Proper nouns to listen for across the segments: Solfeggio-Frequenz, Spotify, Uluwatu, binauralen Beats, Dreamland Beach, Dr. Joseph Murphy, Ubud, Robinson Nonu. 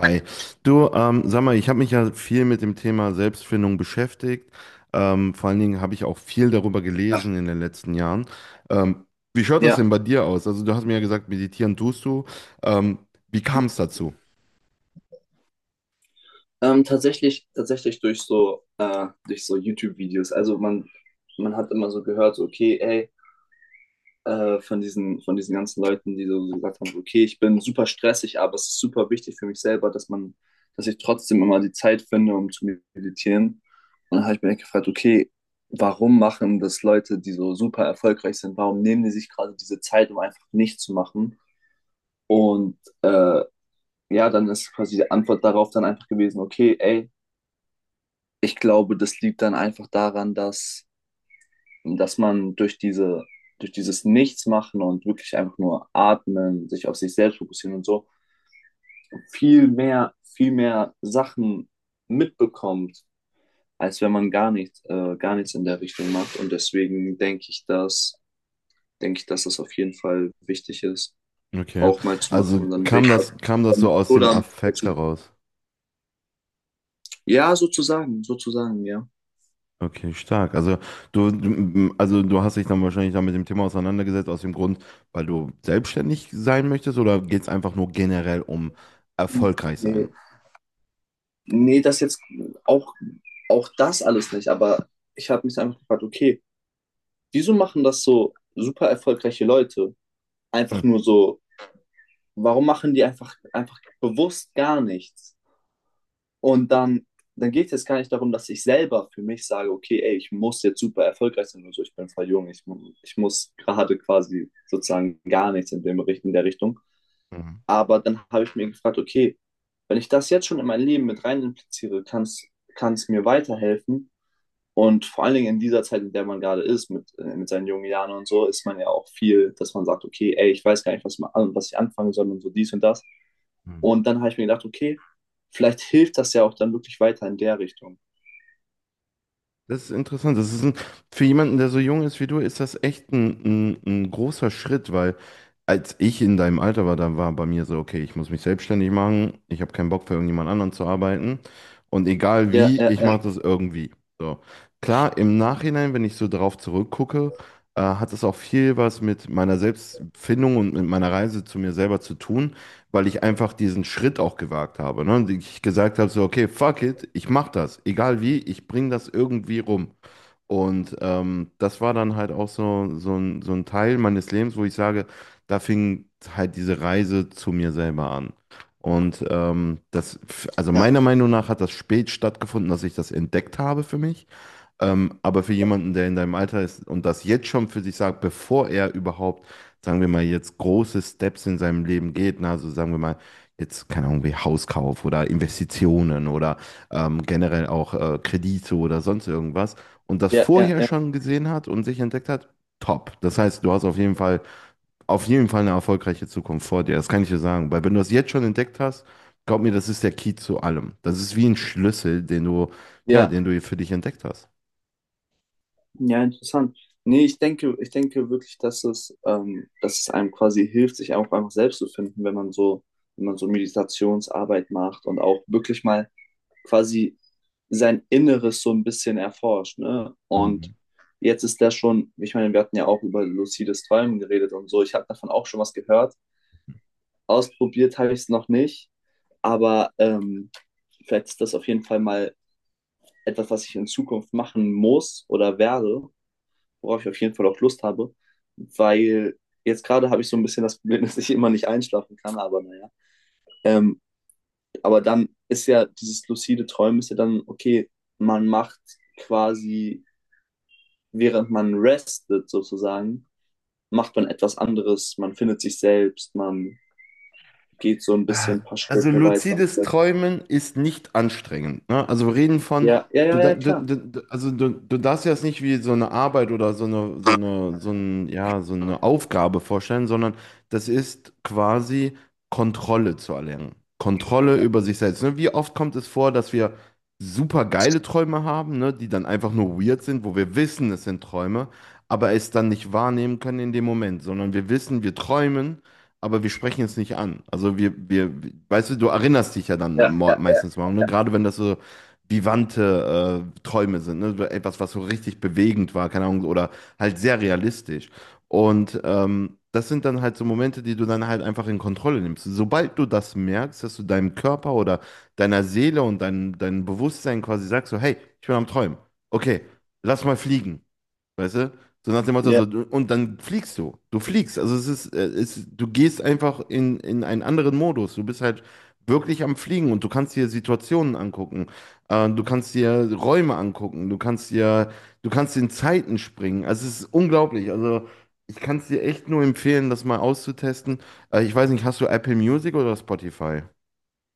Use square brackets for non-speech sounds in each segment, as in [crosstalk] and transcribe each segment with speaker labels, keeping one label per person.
Speaker 1: Hi. Du, sag mal, ich habe mich ja viel mit dem Thema Selbstfindung beschäftigt. Vor allen Dingen habe ich auch viel darüber
Speaker 2: Ja.
Speaker 1: gelesen in den letzten Jahren. Ähm, Wie schaut das denn
Speaker 2: Ja.
Speaker 1: bei dir aus? Also du hast mir ja gesagt, meditieren tust du. Ähm, Wie kam
Speaker 2: Ja.
Speaker 1: es dazu?
Speaker 2: Tatsächlich, tatsächlich durch so YouTube-Videos. Man hat immer so gehört, so, okay, ey, von von diesen ganzen Leuten, die so gesagt haben, so, okay, ich bin super stressig, aber es ist super wichtig für mich selber, dass ich trotzdem immer die Zeit finde, um zu meditieren. Und dann habe ich mir echt gefragt, okay, warum machen das Leute, die so super erfolgreich sind, warum nehmen die sich gerade diese Zeit, um einfach nichts zu machen? Und äh, ja, dann ist quasi die Antwort darauf dann einfach gewesen, okay, ey, ich glaube, das liegt dann einfach daran, dass man durch durch dieses Nichtsmachen und wirklich einfach nur atmen, sich auf sich selbst fokussieren und so, viel mehr Sachen mitbekommt, als wenn man gar nichts in der Richtung macht. Und deswegen denke ich, dass das auf jeden Fall wichtig ist,
Speaker 1: Okay.
Speaker 2: auch mal zu machen.
Speaker 1: Also
Speaker 2: Und dann bin
Speaker 1: kam
Speaker 2: ich halt
Speaker 1: das, kam das so
Speaker 2: damit-
Speaker 1: aus dem
Speaker 2: oder
Speaker 1: Affekt
Speaker 2: dazu.
Speaker 1: heraus?
Speaker 2: Ja, sozusagen, ja.
Speaker 1: Okay, stark. Also du hast dich dann wahrscheinlich dann mit dem Thema auseinandergesetzt aus dem Grund, weil du selbstständig sein möchtest oder geht es einfach nur generell um erfolgreich
Speaker 2: Nee.
Speaker 1: sein?
Speaker 2: Nee, das auch, auch das alles nicht, aber ich habe mich einfach gefragt, okay, wieso machen das so super erfolgreiche Leute? Einfach nur so, warum machen die einfach bewusst gar nichts? Und dann, dann geht es jetzt gar nicht darum, dass ich selber für mich sage, okay, ey, ich muss jetzt super erfolgreich sein oder so, ich bin voll jung, ich muss gerade quasi sozusagen gar nichts in in der Richtung.
Speaker 1: Mhm.
Speaker 2: Aber dann habe ich mir gefragt, okay, wenn ich das jetzt schon in mein Leben mit rein impliziere, kann es mir weiterhelfen. Und vor allen Dingen in dieser Zeit, in der man gerade ist, mit seinen jungen Jahren und so, ist man ja auch viel, dass man sagt, okay, ey, ich weiß gar nicht, was ich anfangen soll und so dies und das.
Speaker 1: Hm.
Speaker 2: Und dann habe ich mir gedacht, okay, vielleicht hilft das ja auch dann wirklich weiter in der Richtung.
Speaker 1: Das ist interessant. Für jemanden, der so jung ist wie du, ist das echt ein großer Schritt, weil als ich in deinem Alter war, da war bei mir so, okay, ich muss mich selbstständig machen, ich habe keinen Bock für irgendjemand anderen zu arbeiten und egal
Speaker 2: Ja,
Speaker 1: wie,
Speaker 2: ja,
Speaker 1: ich
Speaker 2: ja,
Speaker 1: mache das irgendwie. So. Klar, im Nachhinein, wenn ich so drauf zurückgucke, hat es auch viel was mit meiner Selbstfindung und mit meiner Reise zu mir selber zu tun, weil ich einfach diesen Schritt auch gewagt habe. Ne? Und ich gesagt habe so, okay, fuck it, ich mach das, egal wie, ich bring das irgendwie rum. Und das war dann halt auch so, so ein Teil meines Lebens, wo ich sage, da fing halt diese Reise zu mir selber an. Und das, also
Speaker 2: ja,
Speaker 1: meiner Meinung nach hat das spät stattgefunden, dass ich das entdeckt habe für mich. Aber für jemanden, der in deinem Alter ist und das jetzt schon für sich sagt, bevor er überhaupt, sagen wir mal, jetzt große Steps in seinem Leben geht, na, also sagen wir mal, jetzt, keine Ahnung, wie Hauskauf oder Investitionen oder generell auch Kredite oder sonst irgendwas und das
Speaker 2: ja, ja,
Speaker 1: vorher
Speaker 2: ja,
Speaker 1: schon gesehen hat und sich entdeckt hat, top. Das heißt, du hast auf jeden Fall eine erfolgreiche Zukunft vor dir. Das kann ich dir sagen, weil wenn du das jetzt schon entdeckt hast, glaub mir, das ist der Key zu allem. Das ist wie ein Schlüssel, ja,
Speaker 2: ja,
Speaker 1: den du für dich entdeckt hast.
Speaker 2: ja, interessant. Nee, ich denke wirklich, dass es einem quasi hilft, sich auch einfach selbst zu finden, wenn man so Meditationsarbeit macht und auch wirklich mal quasi sein Inneres so ein bisschen erforscht. Ne? Und
Speaker 1: Mhm.
Speaker 2: jetzt ist der schon, ich meine, wir hatten ja auch über lucides Träumen geredet und so. Ich habe davon auch schon was gehört. Ausprobiert habe ich es noch nicht, aber vielleicht ist das auf jeden Fall mal etwas, was ich in Zukunft machen muss oder werde, worauf ich auf jeden Fall auch Lust habe, weil jetzt gerade habe ich so ein bisschen das Problem, [laughs] dass ich immer nicht einschlafen kann, aber naja. Ähm, Aber dann ist ja dieses lucide Träumen ist ja dann, okay, man macht quasi, während man restet sozusagen, macht man etwas anderes, man findet sich selbst, man geht so ein
Speaker 1: Äh,
Speaker 2: bisschen ein paar
Speaker 1: Also
Speaker 2: Schritte weiter.
Speaker 1: luzides
Speaker 2: So.
Speaker 1: Träumen ist nicht anstrengend. Ne?
Speaker 2: Ja, ja,
Speaker 1: Du,
Speaker 2: ja,
Speaker 1: da-
Speaker 2: ja,
Speaker 1: du,
Speaker 2: klar.
Speaker 1: du, du- also du darfst dir das nicht wie so eine Arbeit oder so eine, so eine Aufgabe vorstellen, sondern das ist quasi Kontrolle zu erlernen. Kontrolle über sich selbst. Ne? Wie oft kommt es vor, dass wir super geile Träume haben, ne? Die dann einfach nur weird sind, wo wir wissen, es sind Träume, aber es dann nicht wahrnehmen können in dem Moment, sondern wir wissen, wir träumen, aber wir sprechen es nicht an. Weißt du, du erinnerst dich ja dann
Speaker 2: Ja, ja, ja.
Speaker 1: meistens morgen, ne? Gerade wenn das so vivante Träume sind, ne? So etwas, was so richtig bewegend war, keine Ahnung, oder halt sehr realistisch. Und das sind dann halt so Momente, die du dann halt einfach in Kontrolle nimmst. Sobald du das merkst, dass du deinem Körper oder deiner Seele und deinem Bewusstsein quasi sagst, so, hey, ich bin am Träumen. Okay, lass mal fliegen. Weißt du? So nach dem Motto,
Speaker 2: Ja,
Speaker 1: so, und dann fliegst du. Du fliegst. Also es ist, du gehst einfach in einen anderen Modus. Du bist halt wirklich am Fliegen und du kannst dir Situationen angucken. Du kannst dir Räume angucken. Du kannst in Zeiten springen. Also es ist unglaublich. Also ich kann es dir echt nur empfehlen, das mal auszutesten. Ich weiß nicht, hast du Apple Music oder Spotify?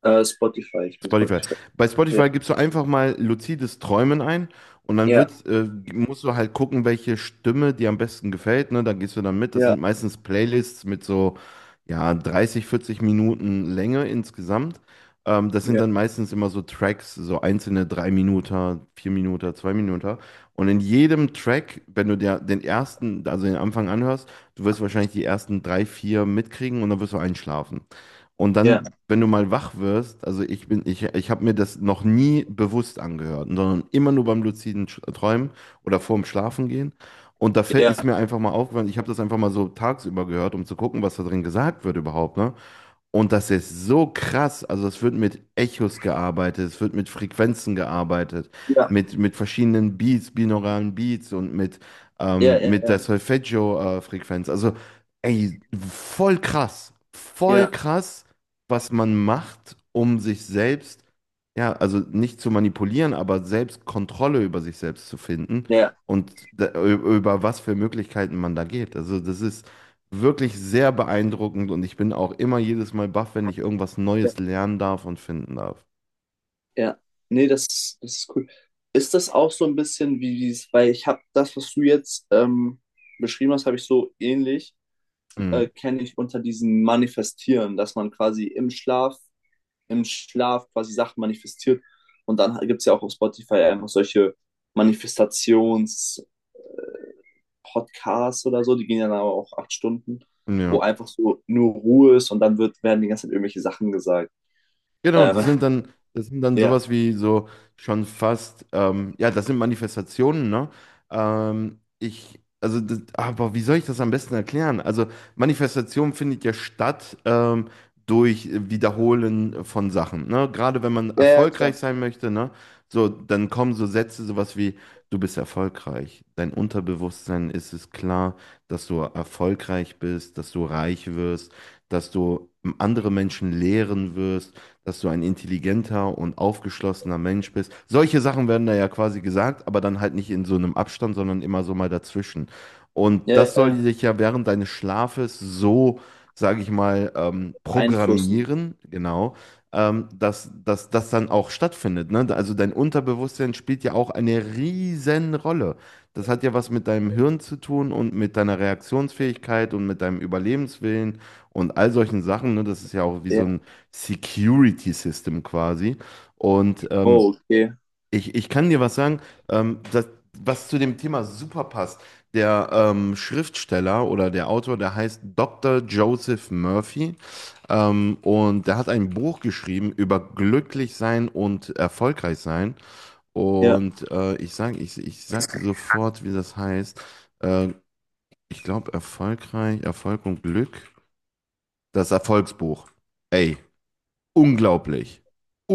Speaker 2: Spotify, ich bin
Speaker 1: Spotify.
Speaker 2: Spotify.
Speaker 1: Bei
Speaker 2: Ja,
Speaker 1: Spotify gibst du einfach mal luzides Träumen ein und dann
Speaker 2: ja,
Speaker 1: wird, musst du halt gucken, welche Stimme dir am besten gefällt. Ne? Dann gehst du dann mit. Das
Speaker 2: ja,
Speaker 1: sind meistens Playlists mit so ja, 30, 40 Minuten Länge insgesamt. Das sind
Speaker 2: ja,
Speaker 1: dann meistens immer so Tracks, so einzelne 3 Minuten, 4 Minuten, 2 Minuten. Und in jedem Track, wenn du dir den ersten, also den Anfang anhörst, du wirst wahrscheinlich die ersten drei, vier mitkriegen und dann wirst du einschlafen. Und
Speaker 2: ja,
Speaker 1: dann, wenn du mal wach wirst, also ich habe mir das noch nie bewusst angehört, sondern immer nur beim luziden Träumen oder vorm Schlafengehen. Und da
Speaker 2: ja,
Speaker 1: ist mir einfach mal aufgefallen, ich habe das einfach mal so tagsüber gehört, um zu gucken, was da drin gesagt wird überhaupt, ne? Und das ist so krass. Also es wird mit Echos gearbeitet, es wird mit Frequenzen gearbeitet,
Speaker 2: ja,
Speaker 1: mit verschiedenen Beats, binauralen Beats und
Speaker 2: ja,
Speaker 1: mit der
Speaker 2: ja,
Speaker 1: Solfeggio-Frequenz. Also ey, voll krass.
Speaker 2: ja, ja,
Speaker 1: Voll
Speaker 2: ja,
Speaker 1: krass, was man macht, um sich selbst, ja, also nicht zu manipulieren, aber selbst Kontrolle über sich selbst zu finden
Speaker 2: ja.
Speaker 1: und über was für Möglichkeiten man da geht. Also das ist wirklich sehr beeindruckend und ich bin auch immer jedes Mal baff, wenn ich irgendwas Neues lernen darf und finden darf.
Speaker 2: Ja, nee, das, das ist cool. Ist das auch so ein bisschen wie dieses, weil ich habe das, was du jetzt beschrieben hast, habe ich so ähnlich,
Speaker 1: Mhm.
Speaker 2: kenne ich unter diesem Manifestieren, dass man quasi im Schlaf quasi Sachen manifestiert. Und dann gibt es ja auch auf Spotify einfach solche Manifestations-Podcasts oder so, die gehen ja dann aber auch 8 Stunden,
Speaker 1: Ja.
Speaker 2: wo einfach so nur Ruhe ist und werden die ganze Zeit irgendwelche Sachen gesagt.
Speaker 1: Genau,
Speaker 2: Ähm,
Speaker 1: das sind
Speaker 2: [laughs]
Speaker 1: dann
Speaker 2: ja,
Speaker 1: sowas wie so schon fast, ja, das sind Manifestationen, ne? Aber wie soll ich das am besten erklären? Also, Manifestation findet ja statt durch Wiederholen von Sachen, ne? Gerade wenn man
Speaker 2: ja, ja, klar.
Speaker 1: erfolgreich sein möchte, ne? So, dann kommen so Sätze, sowas wie, du bist erfolgreich. Dein Unterbewusstsein ist es klar, dass du erfolgreich bist, dass du reich wirst, dass du andere Menschen lehren wirst, dass du ein intelligenter und aufgeschlossener Mensch bist. Solche Sachen werden da ja quasi gesagt, aber dann halt nicht in so einem Abstand, sondern immer so mal dazwischen. Und
Speaker 2: Ja,
Speaker 1: das soll dich ja während deines Schlafes so, sage ich mal,
Speaker 2: einflussen.
Speaker 1: programmieren, genau, dass, dass das dann auch stattfindet. Ne? Also dein Unterbewusstsein spielt ja auch eine riesen Rolle. Das hat ja was mit deinem Hirn zu tun und mit deiner Reaktionsfähigkeit und mit deinem Überlebenswillen und all solchen Sachen. Ne? Das ist ja auch wie
Speaker 2: Ja.
Speaker 1: so
Speaker 2: Einflussen.
Speaker 1: ein Security System quasi. Und
Speaker 2: Oh, okay.
Speaker 1: ich kann dir was sagen, das, was zu dem Thema super passt. Der Schriftsteller oder der Autor, der heißt Dr. Joseph Murphy. Und der hat ein Buch geschrieben über glücklich sein und erfolgreich sein.
Speaker 2: Ja.
Speaker 1: Und ich sag dir sofort, wie das heißt. Äh, Ich glaube, erfolgreich, Erfolg und Glück. Das Erfolgsbuch. Ey, unglaublich.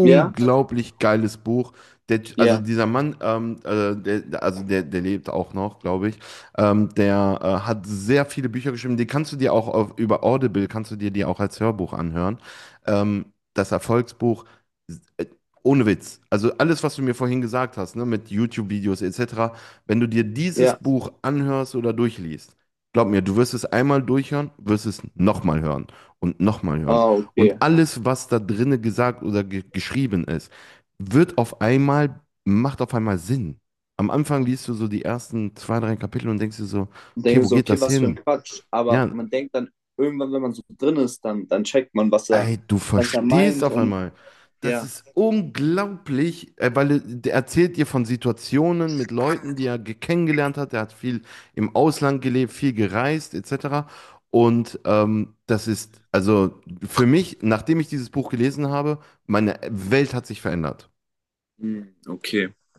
Speaker 2: Ja?
Speaker 1: geiles Buch. Der, also
Speaker 2: Ja.
Speaker 1: dieser Mann, der lebt auch noch, glaube ich. Der hat sehr viele Bücher geschrieben. Die kannst du dir auch auf, über Audible, kannst du dir die auch als Hörbuch anhören. Ähm, Das Erfolgsbuch, äh, ohne Witz. Also alles, was du mir vorhin gesagt hast, ne, mit YouTube-Videos etc., wenn du dir dieses
Speaker 2: Ja.
Speaker 1: Buch anhörst oder durchliest, glaub mir, du wirst es einmal durchhören, wirst es nochmal hören.
Speaker 2: Ah, okay.
Speaker 1: Und alles, was da drinnen gesagt oder ge geschrieben ist, wird auf einmal, macht auf einmal Sinn. Am Anfang liest du so die ersten zwei, drei Kapitel und denkst dir so,
Speaker 2: Und
Speaker 1: okay,
Speaker 2: denke
Speaker 1: wo
Speaker 2: so,
Speaker 1: geht
Speaker 2: okay,
Speaker 1: das
Speaker 2: was für ein
Speaker 1: hin?
Speaker 2: Quatsch. Aber
Speaker 1: Ja,
Speaker 2: man denkt dann irgendwann, wenn man so drin ist, dann checkt man,
Speaker 1: ey, du
Speaker 2: was er
Speaker 1: verstehst
Speaker 2: meint
Speaker 1: auf
Speaker 2: und
Speaker 1: einmal. Das
Speaker 2: ja.
Speaker 1: ist unglaublich, weil der erzählt dir von Situationen mit Leuten, die er kennengelernt hat. Er hat viel im Ausland gelebt, viel gereist, etc. Und das ist, also für mich, nachdem ich dieses Buch gelesen habe, meine Welt hat sich verändert.
Speaker 2: Hm, okay.